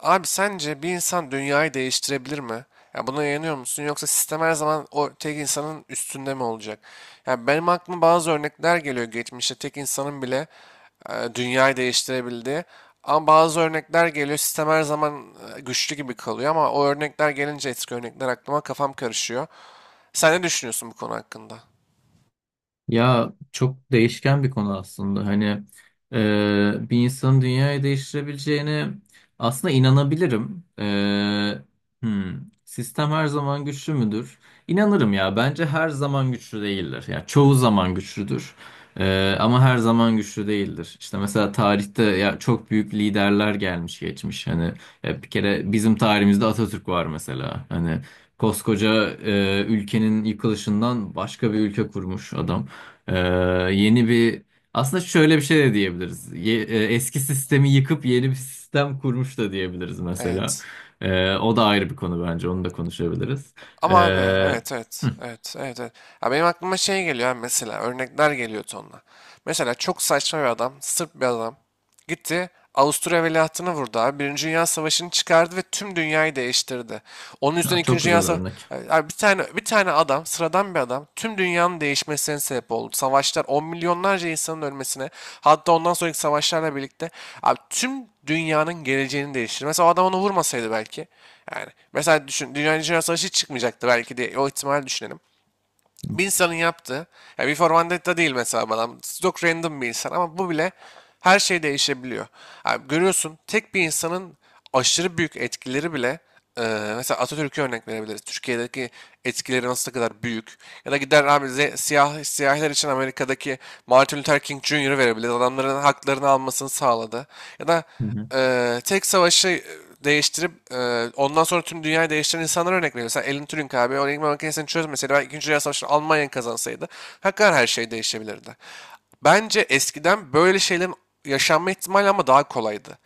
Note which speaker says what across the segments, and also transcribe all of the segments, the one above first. Speaker 1: Abi sence bir insan dünyayı değiştirebilir mi? Ya buna inanıyor musun? Yoksa sistem her zaman o tek insanın üstünde mi olacak? Ya benim aklıma bazı örnekler geliyor geçmişte tek insanın bile dünyayı değiştirebildiği. Ama bazı örnekler geliyor sistem her zaman güçlü gibi kalıyor ama o örnekler gelince eski örnekler aklıma kafam karışıyor. Sen ne düşünüyorsun bu konu hakkında?
Speaker 2: Ya çok değişken bir konu aslında. Hani bir insanın dünyayı değiştirebileceğine aslında inanabilirim. Hmm, sistem her zaman güçlü müdür? İnanırım ya. Bence her zaman güçlü değildir. Ya çoğu zaman güçlüdür. Ama her zaman güçlü değildir. İşte mesela tarihte ya çok büyük liderler gelmiş geçmiş. Hani ya bir kere bizim tarihimizde Atatürk var mesela. Hani koskoca ülkenin yıkılışından başka bir ülke kurmuş adam. Ee, yeni bir aslında şöyle bir şey de diyebiliriz. Eski sistemi yıkıp yeni bir sistem kurmuş da diyebiliriz mesela.
Speaker 1: Evet.
Speaker 2: O da ayrı bir konu bence. Onu da konuşabiliriz.
Speaker 1: Ama abi
Speaker 2: Ee,
Speaker 1: evet, evet, evet, evet, evet. Ya benim aklıma şey geliyor abi, mesela örnekler geliyor tonla. Mesela çok saçma bir adam, sırf bir adam. Gitti. Avusturya veliahtını vurdu abi. Birinci Dünya Savaşı'nı çıkardı ve tüm dünyayı değiştirdi. Onun yüzünden
Speaker 2: Ya çok
Speaker 1: İkinci
Speaker 2: güzel
Speaker 1: Dünya Savaşı...
Speaker 2: örnek.
Speaker 1: Abi bir tane, bir tane adam, sıradan bir adam tüm dünyanın değişmesine sebep oldu. Savaşlar, on milyonlarca insanın ölmesine, hatta ondan sonraki savaşlarla birlikte abi tüm dünyanın geleceğini değiştirdi. Mesela o adam onu vurmasaydı belki. Yani mesela düşün, Dünya Savaşı hiç çıkmayacaktı belki diye o ihtimali düşünelim. Bir insanın yaptığı, ya V for Vendetta değil mesela adam, çok random bir insan ama bu bile her şey değişebiliyor. Yani görüyorsun tek bir insanın aşırı büyük etkileri bile, e, mesela Atatürk'e örnek verebiliriz. Türkiye'deki etkileri nasıl kadar büyük. Ya da gider abi, siyahiler için Amerika'daki Martin Luther King Jr. verebiliriz. Adamların haklarını almasını sağladı. Ya da
Speaker 2: Hı
Speaker 1: Tek savaşı değiştirip ondan sonra tüm dünyayı değiştiren insanlara örnek veriyor. Mesela Alan Turing abi o enigma makinesini çözmeseydi, belki ikinci Dünya Savaşı'nı Almanya kazansaydı hakikaten her şey değişebilirdi. Bence eskiden böyle şeylerin yaşanma ihtimali ama daha kolaydı,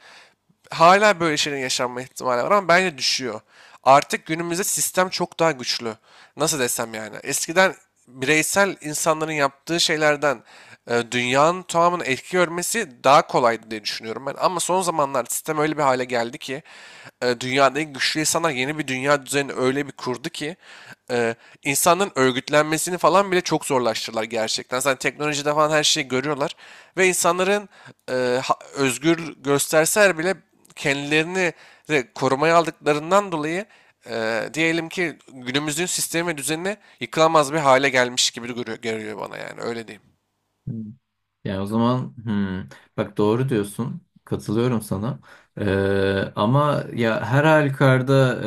Speaker 1: hala böyle şeylerin yaşanma ihtimali var ama bence düşüyor. Artık günümüzde sistem çok daha güçlü. Nasıl desem yani. Eskiden bireysel insanların yaptığı şeylerden dünyanın tamamını etki görmesi daha kolaydı diye düşünüyorum ben. Ama son zamanlar sistem öyle bir hale geldi ki dünyadaki güçlü insanlar yeni bir dünya düzenini öyle bir kurdu ki e, insanların örgütlenmesini falan bile çok zorlaştırdılar gerçekten. Zaten teknolojide falan her şeyi görüyorlar ve insanların özgür gösterseler bile kendilerini de korumaya aldıklarından dolayı diyelim ki günümüzün sistemi ve düzenine yıkılamaz bir hale gelmiş gibi görüyor bana, yani öyle diyeyim.
Speaker 2: hı. Yani o zaman bak doğru diyorsun. Katılıyorum sana. Ama ya her halükarda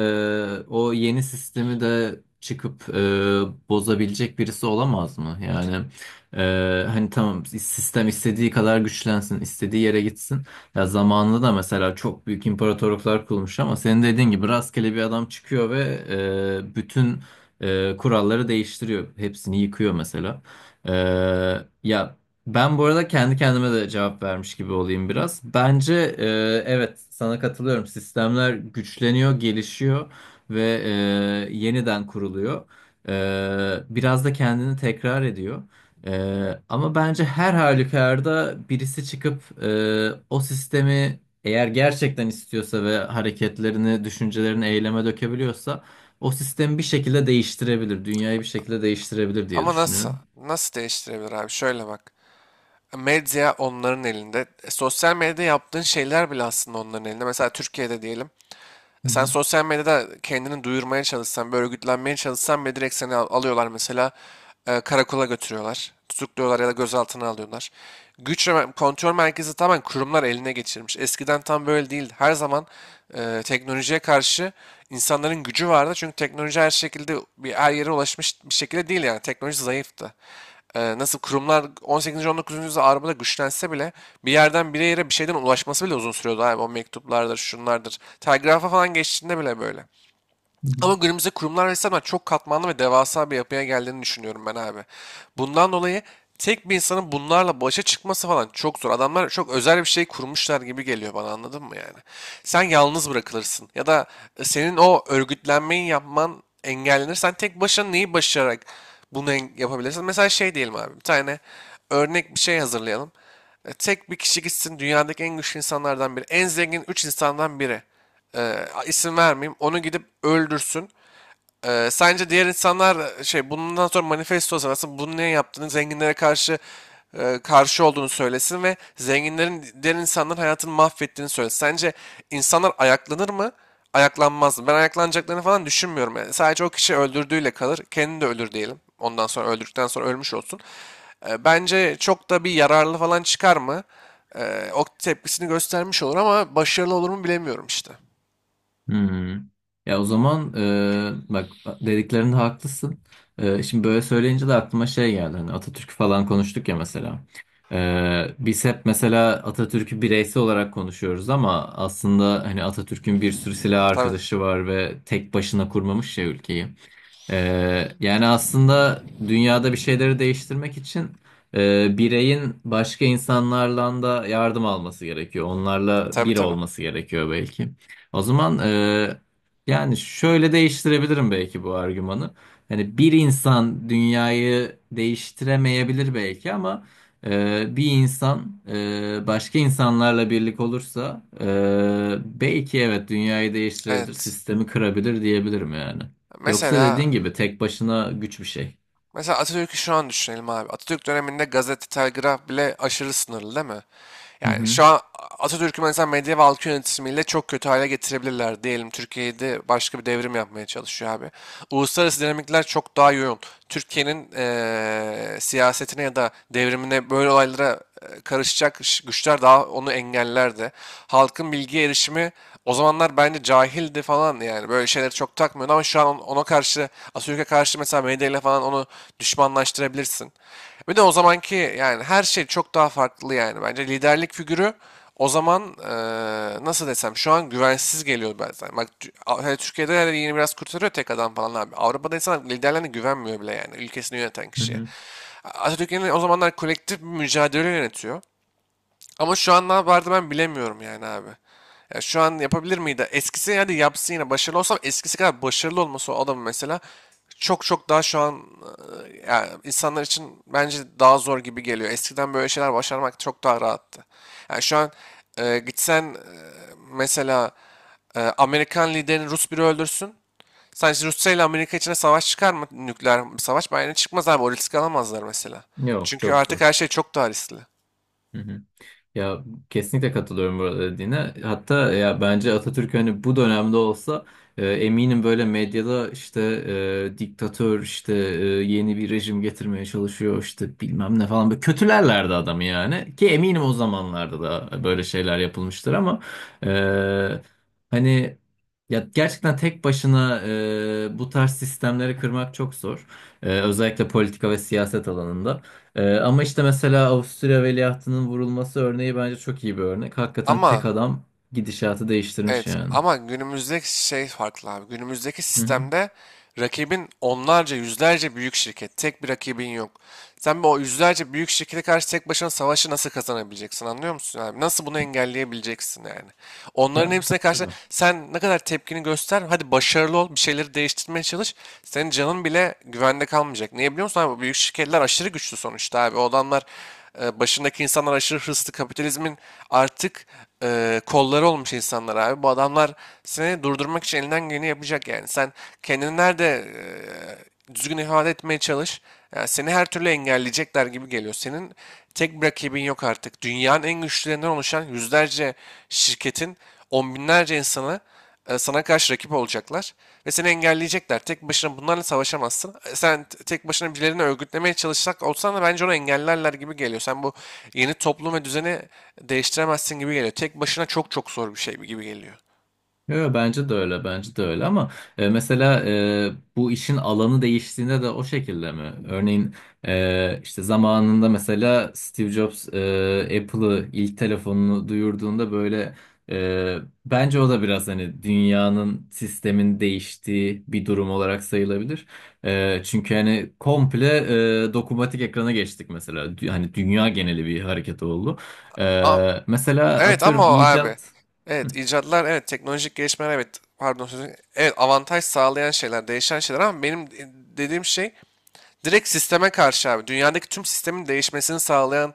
Speaker 2: o yeni sistemi de çıkıp bozabilecek birisi olamaz mı? Yani hani tamam sistem istediği kadar güçlensin, istediği yere gitsin. Ya zamanında da mesela çok büyük imparatorluklar kurulmuş ama senin dediğin gibi rastgele bir adam çıkıyor ve bütün kuralları değiştiriyor. Hepsini yıkıyor mesela. Ya ben bu arada kendi kendime de cevap vermiş gibi olayım biraz. Bence evet sana katılıyorum. Sistemler güçleniyor, gelişiyor ve yeniden kuruluyor. Biraz da kendini tekrar ediyor. E, ama bence her halükarda birisi çıkıp o sistemi eğer gerçekten istiyorsa ve hareketlerini, düşüncelerini eyleme dökebiliyorsa o sistemi bir şekilde değiştirebilir. Dünyayı bir şekilde değiştirebilir diye
Speaker 1: Ama nasıl?
Speaker 2: düşünüyorum.
Speaker 1: Nasıl değiştirebilir abi? Şöyle bak. Medya onların elinde. Sosyal medyada yaptığın şeyler bile aslında onların elinde. Mesela Türkiye'de diyelim.
Speaker 2: Hı
Speaker 1: Sen
Speaker 2: hı,
Speaker 1: sosyal medyada kendini duyurmaya çalışsan, bir örgütlenmeye çalışsan bile direkt seni alıyorlar mesela, karakola götürüyorlar. Tutukluyorlar ya da gözaltına alıyorlar. Güç ve kontrol merkezi tamamen kurumlar eline geçirmiş. Eskiden tam böyle değildi. Her zaman teknolojiye karşı insanların gücü vardı. Çünkü teknoloji her şekilde bir her yere ulaşmış bir şekilde değil yani. Teknoloji zayıftı, nasıl kurumlar 18. 19. yüzyılda Avrupa'da güçlense bile bir yerden bir yere bir şeyden ulaşması bile uzun sürüyordu abi. O mektuplardır, şunlardır. Telgrafa falan geçtiğinde bile böyle.
Speaker 2: hı hı.
Speaker 1: Ama günümüzde kurumlar resmen çok katmanlı ve devasa bir yapıya geldiğini düşünüyorum ben abi. Bundan dolayı tek bir insanın bunlarla başa çıkması falan çok zor. Adamlar çok özel bir şey kurmuşlar gibi geliyor bana, anladın mı yani? Sen yalnız bırakılırsın ya da senin o örgütlenmeyi yapman engellenir. Sen tek başına neyi başararak bunu yapabilirsin? Mesela şey diyelim abi, bir tane örnek bir şey hazırlayalım. Tek bir kişi gitsin dünyadaki en güçlü insanlardan biri, en zengin 3 insandan biri. E, isim vermeyeyim. Onu gidip öldürsün. Sence diğer insanlar, şey, bundan sonra manifesto sırası bunu niye yaptığını zenginlere karşı karşı olduğunu söylesin ve zenginlerin diğer insanların hayatını mahvettiğini söylesin. Sence insanlar ayaklanır mı? Ayaklanmaz mı? Ben ayaklanacaklarını falan düşünmüyorum yani. Sadece o kişi öldürdüğüyle kalır. Kendi de ölür diyelim. Ondan sonra öldürdükten sonra ölmüş olsun. Bence çok da bir yararlı falan çıkar mı? O tepkisini göstermiş olur ama başarılı olur mu bilemiyorum işte.
Speaker 2: Hmm. Ya o zaman bak dediklerinde haklısın. Şimdi böyle söyleyince de aklıma şey geldi. Hani Atatürk'ü falan konuştuk ya mesela. Biz hep mesela Atatürk'ü bireysel olarak konuşuyoruz ama aslında hani Atatürk'ün bir sürü silah
Speaker 1: Tabii,
Speaker 2: arkadaşı var ve tek başına kurmamış ya ülkeyi. Yani aslında dünyada bir şeyleri değiştirmek için bireyin başka insanlarla da yardım alması gerekiyor. Onlarla
Speaker 1: tabii,
Speaker 2: bir
Speaker 1: tabii.
Speaker 2: olması gerekiyor belki. O zaman yani şöyle değiştirebilirim belki bu argümanı. Hani bir insan dünyayı değiştiremeyebilir belki ama bir insan başka insanlarla birlik olursa belki evet dünyayı değiştirebilir,
Speaker 1: Evet.
Speaker 2: sistemi kırabilir diyebilirim yani. Yoksa dediğin
Speaker 1: Mesela
Speaker 2: gibi tek başına güç bir şey.
Speaker 1: Mesela Atatürk'ü şu an düşünelim abi. Atatürk döneminde gazete, telgraf bile aşırı sınırlı değil mi?
Speaker 2: Hı
Speaker 1: Yani
Speaker 2: hı,
Speaker 1: şu an Atatürk'ü mesela medya ve halk yönetimiyle çok kötü hale getirebilirler. Diyelim Türkiye'de başka bir devrim yapmaya çalışıyor abi. Uluslararası dinamikler çok daha yoğun. Türkiye'nin siyasetine ya da devrimine, böyle olaylara karışacak güçler daha onu engellerdi. Halkın bilgiye erişimi o zamanlar bence cahildi falan, yani böyle şeyleri çok takmıyordu ama şu an ona karşı, Atatürk'e karşı mesela medyayla falan onu düşmanlaştırabilirsin. Bir de o zamanki yani her şey çok daha farklı yani, bence liderlik figürü o zaman, nasıl desem, şu an güvensiz geliyor bazen. Bak hani Türkiye'de yani yeni biraz kurtarıyor tek adam falan abi. Avrupa'da insanlar liderlerine güvenmiyor bile yani, ülkesini yöneten
Speaker 2: hı
Speaker 1: kişiye.
Speaker 2: hı.
Speaker 1: Atatürk yine o zamanlar kolektif bir mücadele yönetiyor. Ama şu an ne yapardı ben bilemiyorum yani abi. Ya şu an yapabilir miydi? Eskisi hadi yapsın yine başarılı olsam, eskisi kadar başarılı olması o adamın mesela çok çok daha şu an, yani insanlar için bence daha zor gibi geliyor. Eskiden böyle şeyler başarmak çok daha rahattı. Yani şu an gitsen, mesela Amerikan liderini Rus biri öldürsün. Sence Rusya ile Amerika içine savaş çıkar mı? Nükleer bir savaş. Bence çıkmaz abi. O riski alamazlar mesela.
Speaker 2: Yok
Speaker 1: Çünkü
Speaker 2: çok
Speaker 1: artık her
Speaker 2: zor.
Speaker 1: şey çok daha riskli.
Speaker 2: Hı hı. Ya kesinlikle katılıyorum burada dediğine. Hatta ya bence Atatürk hani bu dönemde olsa eminim böyle medyada işte diktatör işte yeni bir rejim getirmeye çalışıyor işte bilmem ne falan böyle kötülerlerdi adamı yani. Ki eminim o zamanlarda da böyle şeyler yapılmıştır ama e, hani ya gerçekten tek başına bu tarz sistemleri kırmak çok zor. Özellikle politika ve siyaset alanında. Ama işte mesela Avusturya veliahtının vurulması örneği bence çok iyi bir örnek. Hakikaten tek
Speaker 1: Ama
Speaker 2: adam gidişatı değiştirmiş
Speaker 1: evet,
Speaker 2: yani.
Speaker 1: ama günümüzdeki şey farklı abi. Günümüzdeki
Speaker 2: Hı hı.
Speaker 1: sistemde rakibin onlarca yüzlerce büyük şirket. Tek bir rakibin yok. Sen bir o yüzlerce büyük şirkete karşı tek başına savaşı nasıl kazanabileceksin, anlıyor musun abi? Nasıl bunu engelleyebileceksin yani? Onların
Speaker 2: Ya
Speaker 1: hepsine karşı
Speaker 2: tabii.
Speaker 1: sen ne kadar tepkini göster. Hadi başarılı ol, bir şeyleri değiştirmeye çalış. Senin canın bile güvende kalmayacak. Niye biliyor musun abi? Bu büyük şirketler aşırı güçlü sonuçta abi. O adamlar, başındaki insanlar aşırı hırslı kapitalizmin artık kolları olmuş insanlar abi. Bu adamlar seni durdurmak için elinden geleni yapacak yani. Sen kendini nerede düzgün ifade etmeye çalış. Yani seni her türlü engelleyecekler gibi geliyor. Senin tek bir rakibin yok artık. Dünyanın en güçlülerinden oluşan yüzlerce şirketin on binlerce insanı sana karşı rakip olacaklar ve seni engelleyecekler. Tek başına bunlarla savaşamazsın. Sen tek başına birilerini örgütlemeye çalışsak olsan da bence onu engellerler gibi geliyor. Sen bu yeni toplum ve düzeni değiştiremezsin gibi geliyor. Tek başına çok çok zor bir şey gibi geliyor.
Speaker 2: Yo, bence de öyle, bence de öyle ama mesela bu işin alanı değiştiğinde de o şekilde mi? Örneğin işte zamanında mesela Steve Jobs Apple'ı ilk telefonunu duyurduğunda böyle e, bence o da biraz hani dünyanın sistemin değiştiği bir durum olarak sayılabilir. Çünkü hani komple dokunmatik ekrana geçtik mesela. Hani dünya geneli bir hareket oldu.
Speaker 1: Ama
Speaker 2: Mesela
Speaker 1: evet,
Speaker 2: atıyorum
Speaker 1: ama o abi.
Speaker 2: icat.
Speaker 1: Evet, icatlar evet, teknolojik gelişmeler evet, pardon sözü evet, avantaj sağlayan şeyler, değişen şeyler ama benim dediğim şey direkt sisteme karşı abi. Dünyadaki tüm sistemin değişmesini sağlayan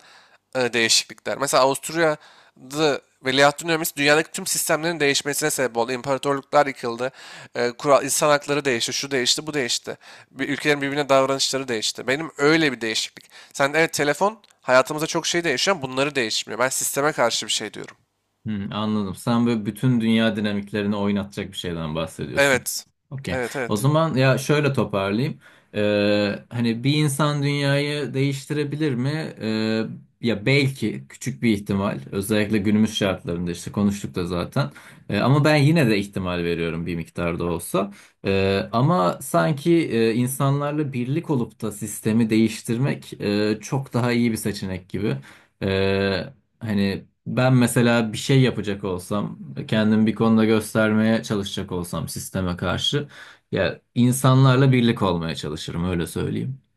Speaker 1: değişiklikler. Mesela Avusturya'da veliahtın ölmesi dünyadaki tüm sistemlerin değişmesine sebep oldu. İmparatorluklar yıkıldı. Kural, insan hakları değişti. Şu değişti, bu değişti. Bir, ülkelerin birbirine davranışları değişti. Benim öyle bir değişiklik. Sen evet, telefon hayatımızda çok şey değişiyor ama bunları değişmiyor. Ben sisteme karşı bir şey diyorum.
Speaker 2: Hmm, anladım. Sen böyle bütün dünya dinamiklerini oynatacak bir şeyden bahsediyorsun.
Speaker 1: Evet.
Speaker 2: Okey.
Speaker 1: Evet,
Speaker 2: O
Speaker 1: evet.
Speaker 2: zaman ya şöyle toparlayayım. Hani bir insan dünyayı değiştirebilir mi? Ee, ya belki küçük bir ihtimal. Özellikle günümüz şartlarında işte konuştuk da zaten. Ama ben yine de ihtimal veriyorum bir miktar da olsa. Ama sanki insanlarla birlik olup da sistemi değiştirmek çok daha iyi bir seçenek gibi. Ee, Hani ben mesela bir şey yapacak olsam, kendimi bir konuda göstermeye çalışacak olsam sisteme karşı, ya insanlarla birlik olmaya çalışırım öyle söyleyeyim.